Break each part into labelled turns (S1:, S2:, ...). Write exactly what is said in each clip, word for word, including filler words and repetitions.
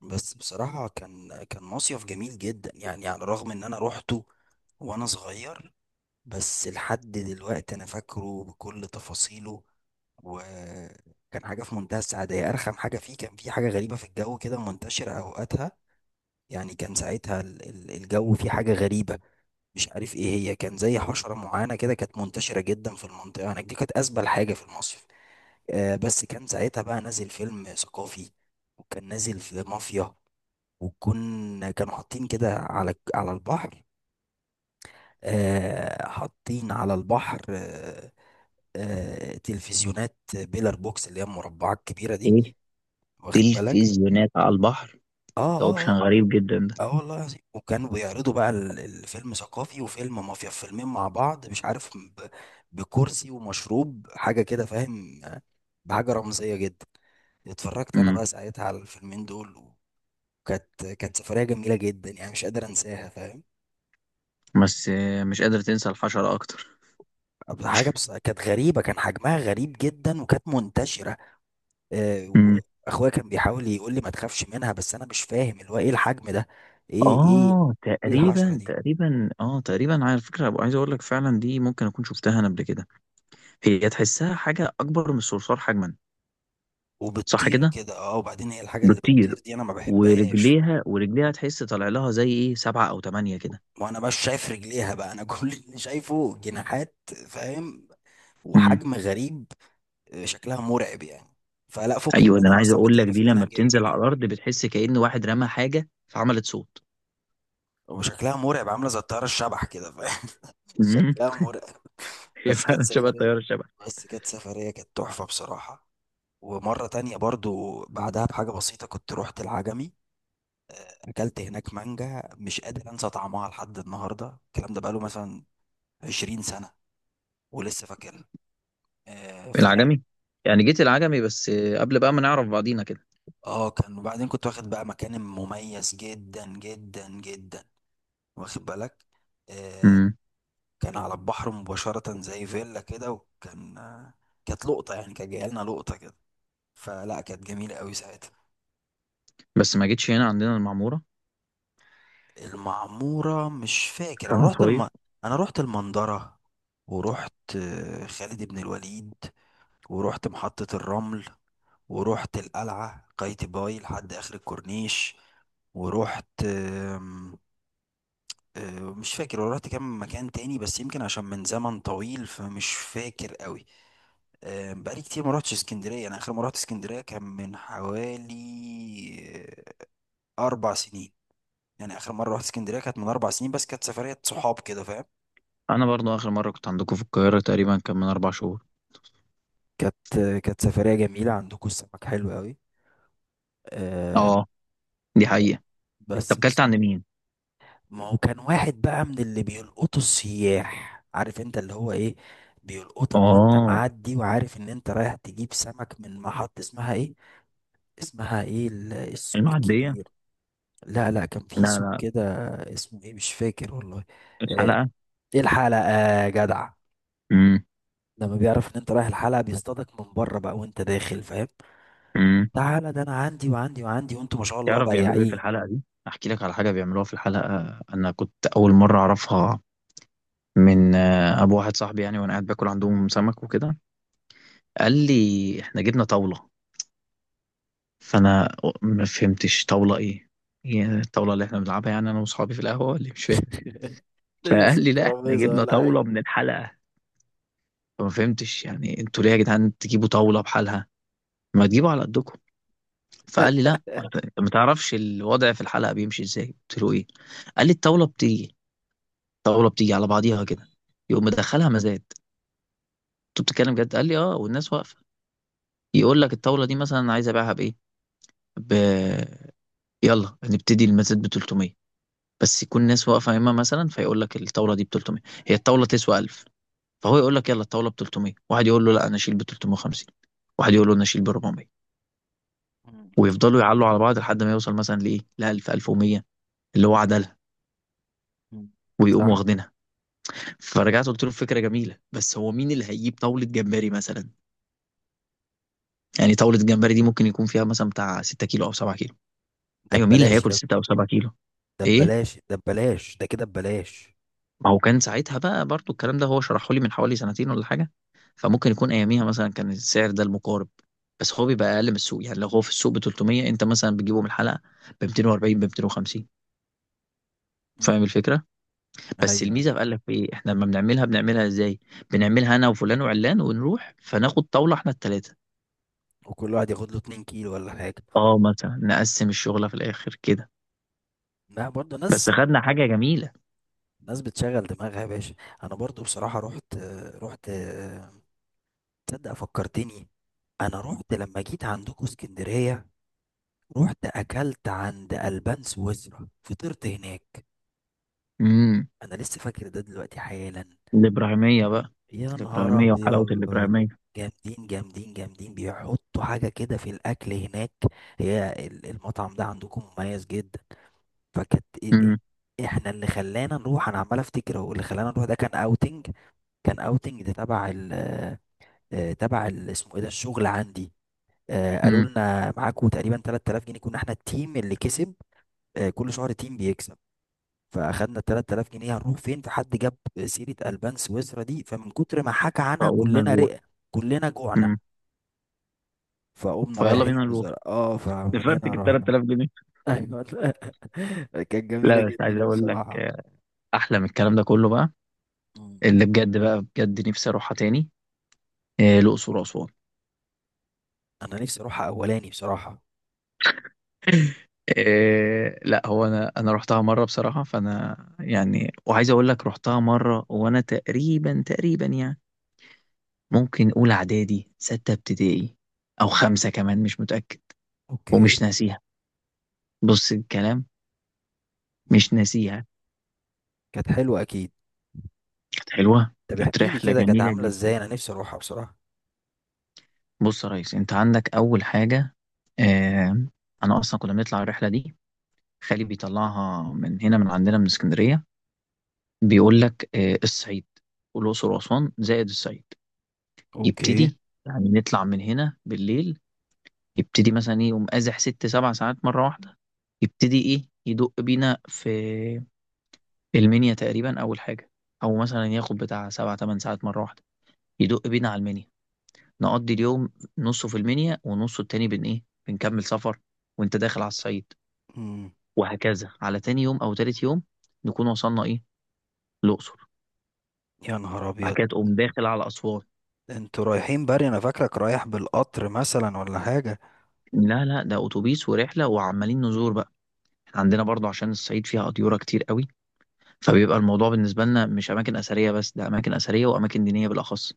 S1: بس بصراحة كان كان مصيف جميل جدا، يعني على الرغم ان انا روحته وانا صغير. بس لحد دلوقتي انا فاكره بكل تفاصيله، وكان حاجة في منتهى السعادة. هي ارخم حاجة فيه كان في حاجة غريبة في الجو كده منتشرة اوقاتها. يعني كان ساعتها ال- ال- الجو فيه حاجة غريبة، مش عارف ايه هي. كان زي حشرة معينة كده كانت منتشرة جدا في المنطقة هناك دي، كانت ازبل حاجة في المصيف. آه، بس كان ساعتها بقى نازل فيلم ثقافي، وكان نازل في مافيا، وكنا كانوا حاطين كده على على البحر. آه، حاطين على البحر، آه. آه، تلفزيونات بيلر بوكس، اللي هي المربعات الكبيرة دي.
S2: ايه.
S1: واخد بالك؟
S2: تلفزيونات على البحر؟
S1: اه،
S2: ده
S1: اه،
S2: اوبشن
S1: اه.
S2: غريب جدا ده.
S1: اه والله العظيم، وكانوا بيعرضوا بقى ال- الفيلم ثقافي وفيلم مافيا، فيلمين مع بعض، مش عارف ب- بكرسي ومشروب حاجة كده، فاهم؟ آه، بحاجة رمزية جدا. اتفرجت انا
S2: امم.
S1: بقى ساعتها على الفيلمين دول. وكانت كانت سفرية جميلة جدا يعني، مش قادر انساها، فاهم؟
S2: بس آه، مش قادر تنسى الحشرة أكتر.
S1: حاجة بس كانت غريبة، كان حجمها غريب جدا وكانت منتشرة. آه،
S2: امم.
S1: وأخويا كان بيحاول يقول لي ما تخافش منها، بس أنا مش فاهم اللي هو إيه الحجم ده. إيه إيه
S2: اه
S1: إيه الحشرة
S2: تقريبا
S1: دي؟
S2: تقريبا اه تقريبا على فكره، أبقى عايز اقول لك فعلا دي ممكن اكون شفتها انا قبل كده. هي تحسها حاجه اكبر من الصرصار حجما. صح
S1: وبتطير
S2: كده.
S1: كده، أه. وبعدين هي الحاجة اللي
S2: بكتير.
S1: بتطير دي أنا ما بحبهاش.
S2: ورجليها ورجليها تحس طالع لها زي ايه سبعه او ثمانيه كده.
S1: وأنا مش شايف رجليها بقى أنا كل اللي شايفه جناحات، فاهم؟
S2: امم.
S1: وحجم غريب. آه، شكلها مرعب يعني، فلا فكك
S2: ايوه، ده انا
S1: منها
S2: عايز
S1: أصلا،
S2: اقول لك
S1: بتقرف
S2: دي
S1: منها
S2: لما
S1: جدا
S2: بتنزل على
S1: يعني.
S2: الارض بتحس كأن واحد رمى حاجه فعملت صوت.
S1: وشكلها مرعب، عاملة زي الطيارة الشبح كده، فاهم؟
S2: امم.
S1: شكلها مرعب.
S2: هي
S1: بس كانت
S2: فعلا شبه
S1: سفرية،
S2: الطياره الشبه.
S1: بس كانت سفرية كانت تحفة بصراحة. ومرة تانية برضو بعدها بحاجة بسيطة، كنت رحت العجمي. أكلت هناك مانجا مش قادر أنسى طعمها لحد النهاردة. الكلام ده بقاله مثلا عشرين سنة ولسه فاكرها. آه، فلا.
S2: العجمي؟ يعني جيت العجمي بس؟ قبل بقى ما نعرف بعضينا كده؟
S1: اه كان، وبعدين كنت واخد بقى مكان مميز جدا جدا جدا. واخد بالك؟ آه.
S2: امم.
S1: كان على البحر مباشرة زي فيلا كده، وكان آه، كانت لقطة يعني، كان جايلنا لقطة كده. فلا كانت جميلة قوي ساعتها.
S2: بس ما جيتش هنا عندنا المعمورة.
S1: المعمورة مش فاكر
S2: كان
S1: انا رحت الم...
S2: مصايف.
S1: انا رحت المنظرة. ورحت آه، خالد بن الوليد، ورحت محطة الرمل، ورحت القلعة قايتباي لحد اخر الكورنيش. ورحت آم، آه، مش فاكر. ورحت كام مكان تاني بس يمكن عشان من زمن طويل فمش فاكر قوي. آم، بقالي كتير ما رحتش اسكندرية. انا اخر مرة رحت اسكندرية كان من حوالي آه، اربع سنين. يعني اخر مرة رحت اسكندرية كانت من اربع سنين، بس كانت سفرية صحاب كده، فاهم؟
S2: انا برضو اخر مرة كنت عندكم في القاهرة تقريبا كان من اربع شهور.
S1: كانت، كانت سفرية جميلة. عندكم السمك حلو قوي، آه.
S2: اه، دي حقيقة.
S1: بس
S2: طب كلت
S1: بس
S2: عند مين؟
S1: ما هو كان واحد بقى من اللي بيلقطوا السياح، عارف انت اللي هو ايه. بيلقطك وانت
S2: اه.
S1: معدي، وعارف ان انت رايح تجيب سمك من محط اسمها ايه، اسمها ايه ال- السوق
S2: المعدية.
S1: الكبير. لا لا، كان
S2: لا
S1: في سوق
S2: لا.
S1: كده اسمه ايه مش فاكر والله. آه،
S2: الحلقة.
S1: ايه الحلقة يا جدع.
S2: امم.
S1: لما بيعرف ان انت رايح الحلقة، بيصطادك من بره بقى وانت داخل، فاهم؟
S2: امم.
S1: تعالى ده انا عندي وعندي وعندي، وانتوا ما شاء الله
S2: تعرف بيعملوا ايه في
S1: بياعين.
S2: الحلقة دي؟ احكي لك على حاجة بيعملوها في الحلقة. انا كنت اول مرة اعرفها من آه، ابو واحد صاحبي، يعني وانا قاعد باكل عندهم سمك وكده. قال لي احنا جبنا طاولة. فانا ما فهمتش طاوله ايه. يعني الطاوله اللي احنا بنلعبها، يعني انا واصحابي في القهوه اللي مش فاهم.
S1: تنس
S2: فقال لي لا، احنا
S1: الترابيزة
S2: جبنا
S1: ولا
S2: طاوله
S1: حاجة.
S2: من الحلقه. فما فهمتش، يعني انتوا ليه يا جدعان تجيبوا طاوله بحالها؟ ما تجيبوا على قدكم. فقال لي لا، ما انت انت ما تعرفش الوضع في الحلقه بيمشي ازاي. قلت له ايه؟ قال لي الطاوله بتيجي الطاوله بتيجي على بعضيها كده. يقوم مدخلها مزاد. انتوا بتتكلم جد؟ قال لي اه، والناس واقفه. يقول لك الطاوله دي مثلا عايز ابيعها بايه؟ ب... يلا هنبتدي المزاد ب تلتمية. بس يكون ناس واقفه يمه، مثلا فيقول لك الطاوله دي ب تلتمية. هي الطاوله تسوى ألف. فهو يقول لك يلا الطاوله ب تلتمية، واحد يقول له لا انا اشيل ب تلتمية وخمسين. واحد يقول له انا اشيل ب اربعمية.
S1: مم.
S2: ويفضلوا يعلوا على بعض لحد ما يوصل مثلا لايه، ل ألف ألف ومائة اللي هو عدلها.
S1: مم.
S2: ويقوموا
S1: صح.
S2: واخدينها. فرجعت قلت له فكره جميله، بس هو مين اللي هيجيب طاوله جمبري مثلا؟ يعني طاوله جمبري دي ممكن يكون فيها مثلا بتاع 6 كيلو او 7 كيلو.
S1: ده
S2: ايوه، مين اللي
S1: ببلاش
S2: هياكل
S1: يا ابني.
S2: ستة او سبعة كيلو؟
S1: ده
S2: ايه.
S1: ببلاش، ده ببلاش، ده كده ببلاش.
S2: ما هو كان ساعتها بقى برضو الكلام ده هو شرحه لي من حوالي سنتين ولا حاجة. فممكن يكون أياميها مثلا كان السعر ده المقارب. بس هو بيبقى أقل من السوق، يعني لو هو في السوق ب تلتمية أنت مثلا بتجيبه من الحلقة ب ميتين واربعين، ب ميتين وخمسين.
S1: مم.
S2: فاهم الفكرة؟ بس
S1: ايوه، ايوه،
S2: الميزة بقى لك في إيه؟ إحنا لما بنعملها بنعملها إزاي؟ بنعملها أنا وفلان وعلان، ونروح فناخد طاولة إحنا التلاتة.
S1: وكل واحد ياخد له 2 كيلو ولا حاجة.
S2: أه، مثلا نقسم الشغلة في الآخر كده.
S1: ما برضه ناس،
S2: بس خدنا حاجة جميلة.
S1: ناس بتشغل دماغها يا باشا. انا برضه بصراحة رحت، رحت، تصدق فكرتني. انا رحت لما جيت عندكم اسكندرية، رحت اكلت عند البان سويسرا، فطرت هناك.
S2: امم.
S1: انا لسه فاكر ده دلوقتي حالا.
S2: الإبراهيمية بقى.
S1: يا نهار
S2: الإبراهيمية وحلاوة
S1: ابيض،
S2: الإبراهيمية.
S1: جامدين جامدين جامدين، بيحطوا حاجه كده في الاكل هناك. هي ال- المطعم ده عندكم مميز جدا. فكانت إ-
S2: امم.
S1: إ- احنا اللي خلانا نروح، انا عمال افتكر هو اللي خلانا نروح، ده كان اوتنج. كان اوتنج ده تبع ال، آه، تبع ال- اسمه ايه ده، الشغل عندي. آه، قالوا
S2: امم.
S1: لنا معاكم تقريبا تلات تلاف جنيه، كنا احنا التيم اللي كسب. آه، كل شهر تيم بيكسب. فاخدنا تلات تلاف جنيه، هنروح فين؟ فحد جاب سيره البان سويسرا دي، فمن كتر ما حكى عنها
S2: فقلنا
S1: كلنا
S2: نروح.
S1: رقة، كلنا جوعنا. فقمنا
S2: فيلا
S1: رايحين
S2: بينا نروح.
S1: بزر... اه فمن هنا
S2: نفرتك ال
S1: رحنا.
S2: تلاتالاف جنيه.
S1: ايوه لا. كانت جميله
S2: لا بس عايز
S1: جدا
S2: اقول لك،
S1: بصراحه.
S2: آه، احلى من الكلام ده كله بقى.
S1: مم.
S2: اللي بجد بقى بجد نفسي اروحها تاني. آه، الاقصر واسوان.
S1: انا نفسي اروحها اولاني بصراحه.
S2: آه، لا هو انا انا رحتها مره بصراحه، فانا يعني وعايز اقول لك رحتها مره وانا تقريبا تقريبا يعني ممكن اولى اعدادي، سته ابتدائي او خمسه كمان، مش متاكد.
S1: اوكي.
S2: ومش ناسيها. بص الكلام.
S1: مم.
S2: مش ناسيها.
S1: كانت حلوه اكيد.
S2: كانت حلوه،
S1: طب
S2: كانت
S1: احكي لي
S2: رحله
S1: كده كانت
S2: جميله
S1: عامله
S2: جدا.
S1: ازاي، انا نفسي اروحها بصراحه.
S2: بص يا ريس، انت عندك اول حاجه. اه. انا اصلا كنا بنطلع الرحله دي. خالي بيطلعها من هنا، من عندنا من اسكندريه. بيقول لك اه، الصعيد والاقصر واسوان زائد الصعيد.
S1: اوكي.
S2: يبتدي، يعني نطلع من هنا بالليل. يبتدي مثلا ايه، يقوم قازح ست سبع ساعات مره واحده. يبتدي ايه، يدق بينا في المنيا تقريبا اول حاجه. او مثلا ياخد بتاع سبع تمن ساعات مره واحده. يدق بينا على المنيا. نقضي اليوم، نصه في المنيا ونصه التاني بن ايه بنكمل سفر. وانت داخل على الصعيد.
S1: مم.
S2: وهكذا على تاني يوم او تالت يوم نكون وصلنا ايه، الاقصر.
S1: يا نهار
S2: بعد
S1: ابيض.
S2: كده تقوم داخل على اسوان.
S1: انتوا رايحين بري؟ انا فاكرك رايح بالقطر مثلا ولا حاجه.
S2: لا لا، ده اتوبيس ورحله وعمالين نزور بقى. احنا عندنا برضو عشان الصعيد فيها قطيره كتير قوي. فبيبقى الموضوع بالنسبه لنا مش اماكن اثريه بس، ده اماكن اثريه واماكن دينيه بالاخص.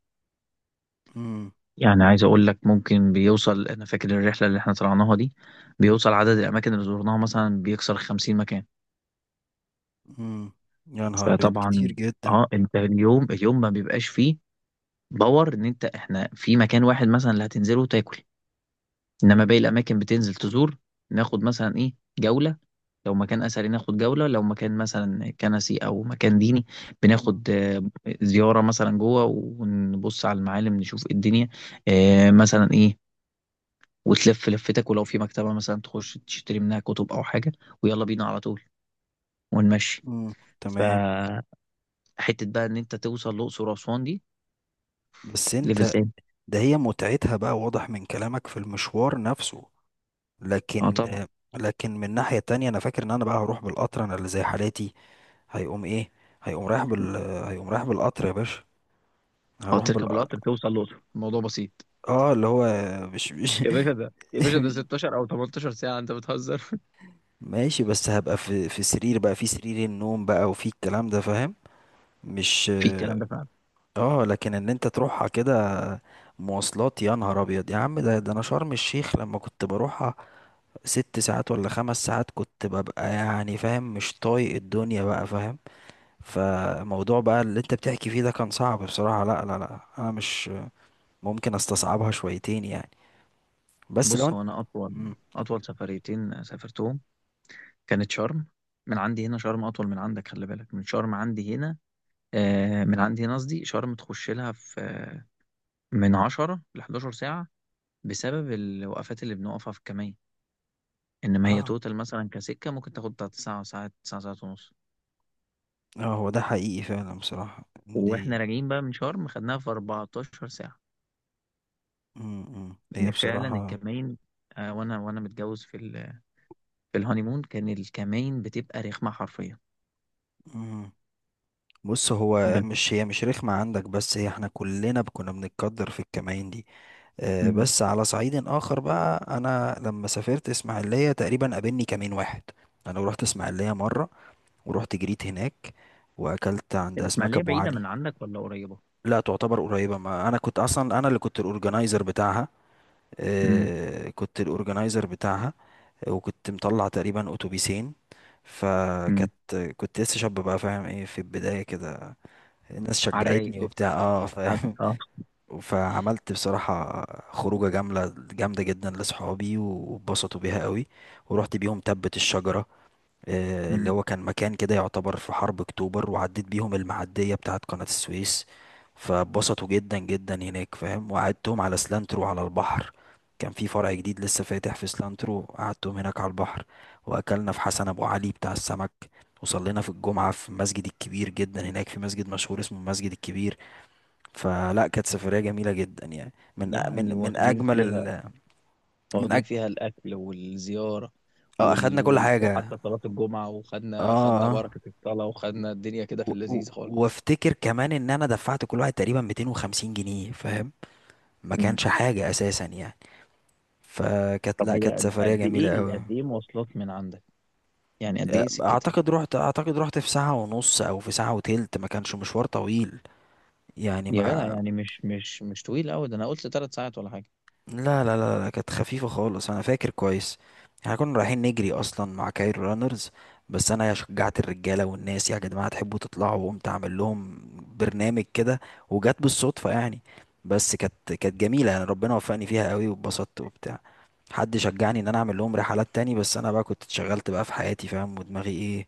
S1: مم.
S2: يعني عايز اقول لك، ممكن بيوصل انا فاكر الرحله اللي احنا طلعناها دي بيوصل عدد الاماكن اللي زرناها مثلا بيكسر خمسين مكان.
S1: امم. يا نهار ابيض كتير
S2: فطبعا
S1: جدا.
S2: اه، انت اليوم اليوم ما بيبقاش فيه باور ان انت احنا في مكان واحد مثلا اللي هتنزله وتاكل. انما باقي الاماكن بتنزل تزور. ناخد مثلا ايه جوله، لو مكان اثري ناخد جوله، لو مكان مثلا كنسي او مكان ديني
S1: مم.
S2: بناخد آه، زياره مثلا جوه، ونبص على المعالم نشوف إيه الدنيا. آه، مثلا ايه، وتلف لفتك، ولو في مكتبه مثلا تخش تشتري منها كتب او حاجه. ويلا بينا على طول ونمشي.
S1: مم. تمام.
S2: فحته بقى ان انت توصل الاقصر واسوان دي،
S1: بس
S2: ليفل
S1: انت.
S2: تاني.
S1: ده هي متعتها بقى واضح من كلامك في المشوار نفسه،
S2: اه
S1: لكن
S2: طبعا.
S1: آه، لكن من ناحية تانية انا فاكر ان انا بقى هروح بالقطر، انا اللي زي حالاتي هيقوم ايه، هيقوم رايح بال آه، هيقوم رايح بالقطر يا باشا.
S2: اه
S1: هروح بال
S2: تركب القطر توصل الأقصر الموضوع بسيط.
S1: اه، اللي هو مش مش
S2: يا باشا ده، يا باشا ده ستة عشر او تمنتاشر ساعة، انت بتهزر.
S1: ماشي، بس هبقى في في سرير بقى، في سرير النوم بقى وفي الكلام ده، فاهم؟ مش
S2: في الكلام
S1: اه.
S2: ده فعلا.
S1: آه، لكن ان انت تروحها كده مواصلات يا نهار ابيض يا عم. ده ده انا شرم الشيخ لما كنت بروحها ست ساعات ولا خمس ساعات، كنت ببقى يعني فاهم، مش طايق الدنيا بقى، فاهم؟ فموضوع بقى اللي انت بتحكي فيه ده كان صعب بصراحة. لا لا لا، انا مش ممكن استصعبها شويتين يعني، بس لو
S2: بص
S1: انت.
S2: هو أنا أطول،
S1: مم.
S2: أطول سفريتين سافرتهم كانت شرم. من عندي هنا شرم أطول من عندك، خلي بالك من شرم عندي هنا. آه من عندي هنا قصدي شرم تخش لها في آه، من عشرة ل أحد عشر ساعة. بسبب الوقفات اللي بنقفها في الكمية. إنما هي
S1: اه،
S2: توتال مثلا كسكة ممكن تاخد بتاعت ساعة ساعة ساعة ساعة ونص.
S1: اه، هو ده حقيقي فعلا بصراحة
S2: وإحنا
S1: دي.
S2: راجعين بقى من شرم خدناها في أربعة عشر ساعة.
S1: مم، مم. هي
S2: ان فعلا
S1: بصراحة.
S2: الكمين، آه، وانا وانا متجوز في ال... في الهانيمون، كان الكمين بتبقى رخمه حرفيا.
S1: مم. بص هو
S2: بس.
S1: مش، هي مش رخمة عندك بس، هي احنا كلنا كنا بنتقدر في الكمائن دي. آه،
S2: امم.
S1: بس على صعيد آخر بقى أنا لما سافرت إسماعيلية تقريبا قابلني كمين واحد. أنا رحت إسماعيلية مرة، ورحت جريت هناك، وأكلت عند أسماك
S2: الاسماعيليه
S1: أبو
S2: بعيده
S1: علي.
S2: من عندك ولا قريبه؟
S1: لا، تعتبر قريبة. ما أنا كنت أصلا أنا اللي كنت الأورجنايزر بتاعها.
S2: امم.
S1: آه، كنت الأورجنايزر بتاعها. وكنت مطلع تقريبا أتوبيسين.
S2: امم.
S1: فكانت، كنت لسه شاب بقى، فاهم ايه، في البداية كده. الناس
S2: على الرايق
S1: شجعتني
S2: لسه.
S1: وبتاع، اه،
S2: عارف؟
S1: فاهم؟
S2: اه.
S1: فعملت بصراحة خروجة جاملة جامدة جدا لصحابي، واتبسطوا بيها قوي. ورحت بيهم تبت الشجرة، آه، اللي
S2: امم.
S1: هو كان مكان كده يعتبر في حرب اكتوبر، وعديت بيهم المعدية بتاعت قناة السويس. فاتبسطوا جدا جدا هناك، فاهم؟ وقعدتهم على سلانترو على البحر، كان في فرع جديد لسه فاتح في سلانترو، قعدتهم هناك على البحر. واكلنا في حسن ابو علي بتاع السمك، وصلينا في الجمعة في المسجد الكبير جدا هناك، في مسجد مشهور اسمه المسجد الكبير. فلا كانت سفرية جميلة جدا يعني، من أ-
S2: يعني
S1: من من
S2: واخدين
S1: اجمل
S2: فيها
S1: ال، من
S2: واخدين
S1: أج...
S2: فيها الاكل والزياره.
S1: اه
S2: وال...
S1: اخدنا كل
S2: وال...
S1: حاجة.
S2: وحتى صلاه الجمعه،
S1: اه،
S2: وخدنا خدنا
S1: اه،
S2: بركه الصلاه، وخدنا الدنيا كده
S1: و...
S2: في
S1: و...
S2: اللذيذ خالص.
S1: وافتكر كمان ان انا دفعت كل واحد تقريبا مئتين وخمسين جنيه، فاهم؟ ما
S2: امم.
S1: كانش حاجة اساسا يعني. فكانت،
S2: طب
S1: لا
S2: هي
S1: كانت
S2: قد
S1: سفرية
S2: قد
S1: جميلة
S2: ايه
S1: قوي.
S2: قد ايه مواصلات من عندك؟ يعني قد ايه سكتها؟
S1: اعتقد رحت، اعتقد رحت في ساعة ونص او في ساعة وتلت، ما كانش مشوار طويل يعني،
S2: يا جدع
S1: ما.
S2: يعني مش مش مش طويل قوي، ده انا قلت ثلاث ساعات ولا حاجه.
S1: لا لا لا لا، كانت خفيفة خالص أنا فاكر كويس. احنا كنا رايحين نجري أصلا مع كايرو رانرز، بس أنا شجعت الرجالة والناس، يا جماعة تحبوا تطلعوا، وقمت أعمل لهم برنامج كده. وجت بالصدفة يعني، بس كانت، كانت جميلة يعني، ربنا وفقني فيها قوي واتبسطت وبتاع. حد شجعني إن أنا أعمل لهم رحلات تاني، بس أنا بقى كنت اتشغلت بقى في حياتي، فاهم؟ ودماغي إيه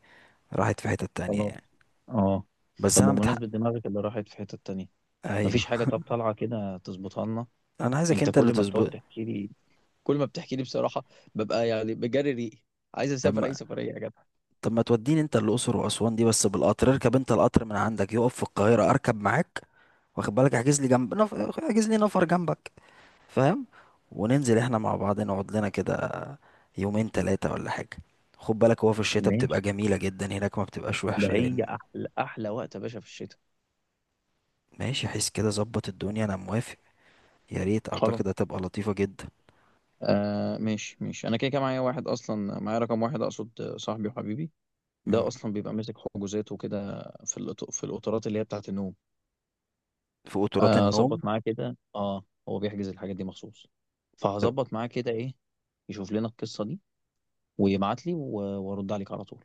S1: راحت في حتة تانية
S2: خلاص.
S1: يعني.
S2: اه.
S1: بس
S2: طب
S1: أنا متحقق.
S2: بمناسبه دماغك اللي راحت في حته تانية،
S1: أيوه.
S2: مفيش حاجه طب طالعه كده تظبطها لنا؟
S1: أنا عايزك
S2: انت
S1: أنت اللي
S2: كل ما بتقعد
S1: تظبط.
S2: تحكي لي كل ما بتحكي لي بصراحه ببقى يعني بجري ريقي. عايز اسافر اي
S1: طب،
S2: سفريه يا جدع.
S1: طب ما توديني انت الاقصر واسوان دي بس بالقطر. اركب انت القطر من عندك، يقف في القاهره اركب معاك، واخد بالك؟ احجز لي جنب نف... احجز لي نفر جنبك، فاهم؟ وننزل احنا مع بعض، نقعد لنا كده يومين ثلاثه ولا حاجه. خد بالك هو في الشتاء
S2: ماشي.
S1: بتبقى جميله جدا هناك، ما بتبقاش
S2: ده
S1: وحشه. لان
S2: هي احلى احلى وقت يا باشا في الشتاء.
S1: ماشي حس كده، ظبط الدنيا، انا موافق. يا ريت،
S2: خلاص.
S1: اعتقد هتبقى لطيفه جدا.
S2: آه ماشي ماشي، انا كده كده معايا واحد اصلا، معايا رقم واحد اقصد، صاحبي وحبيبي. ده
S1: مم.
S2: اصلا بيبقى ماسك حجوزات وكده في الأط- في القطارات اللي هي بتاعت النوم.
S1: في قطورات
S2: آه،
S1: النوم.
S2: اظبط معاه كده، اه هو بيحجز الحاجات دي مخصوص.
S1: طب
S2: فهظبط معاه كده ايه يشوف لنا القصة دي. ويبعت لي و- وارد عليك على طول.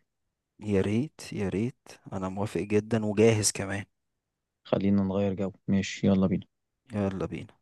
S1: يا ريت، يا ريت، انا موافق جدا وجاهز كمان.
S2: خلينا نغير جو، ماشي يلا بينا.
S1: يلا بينا.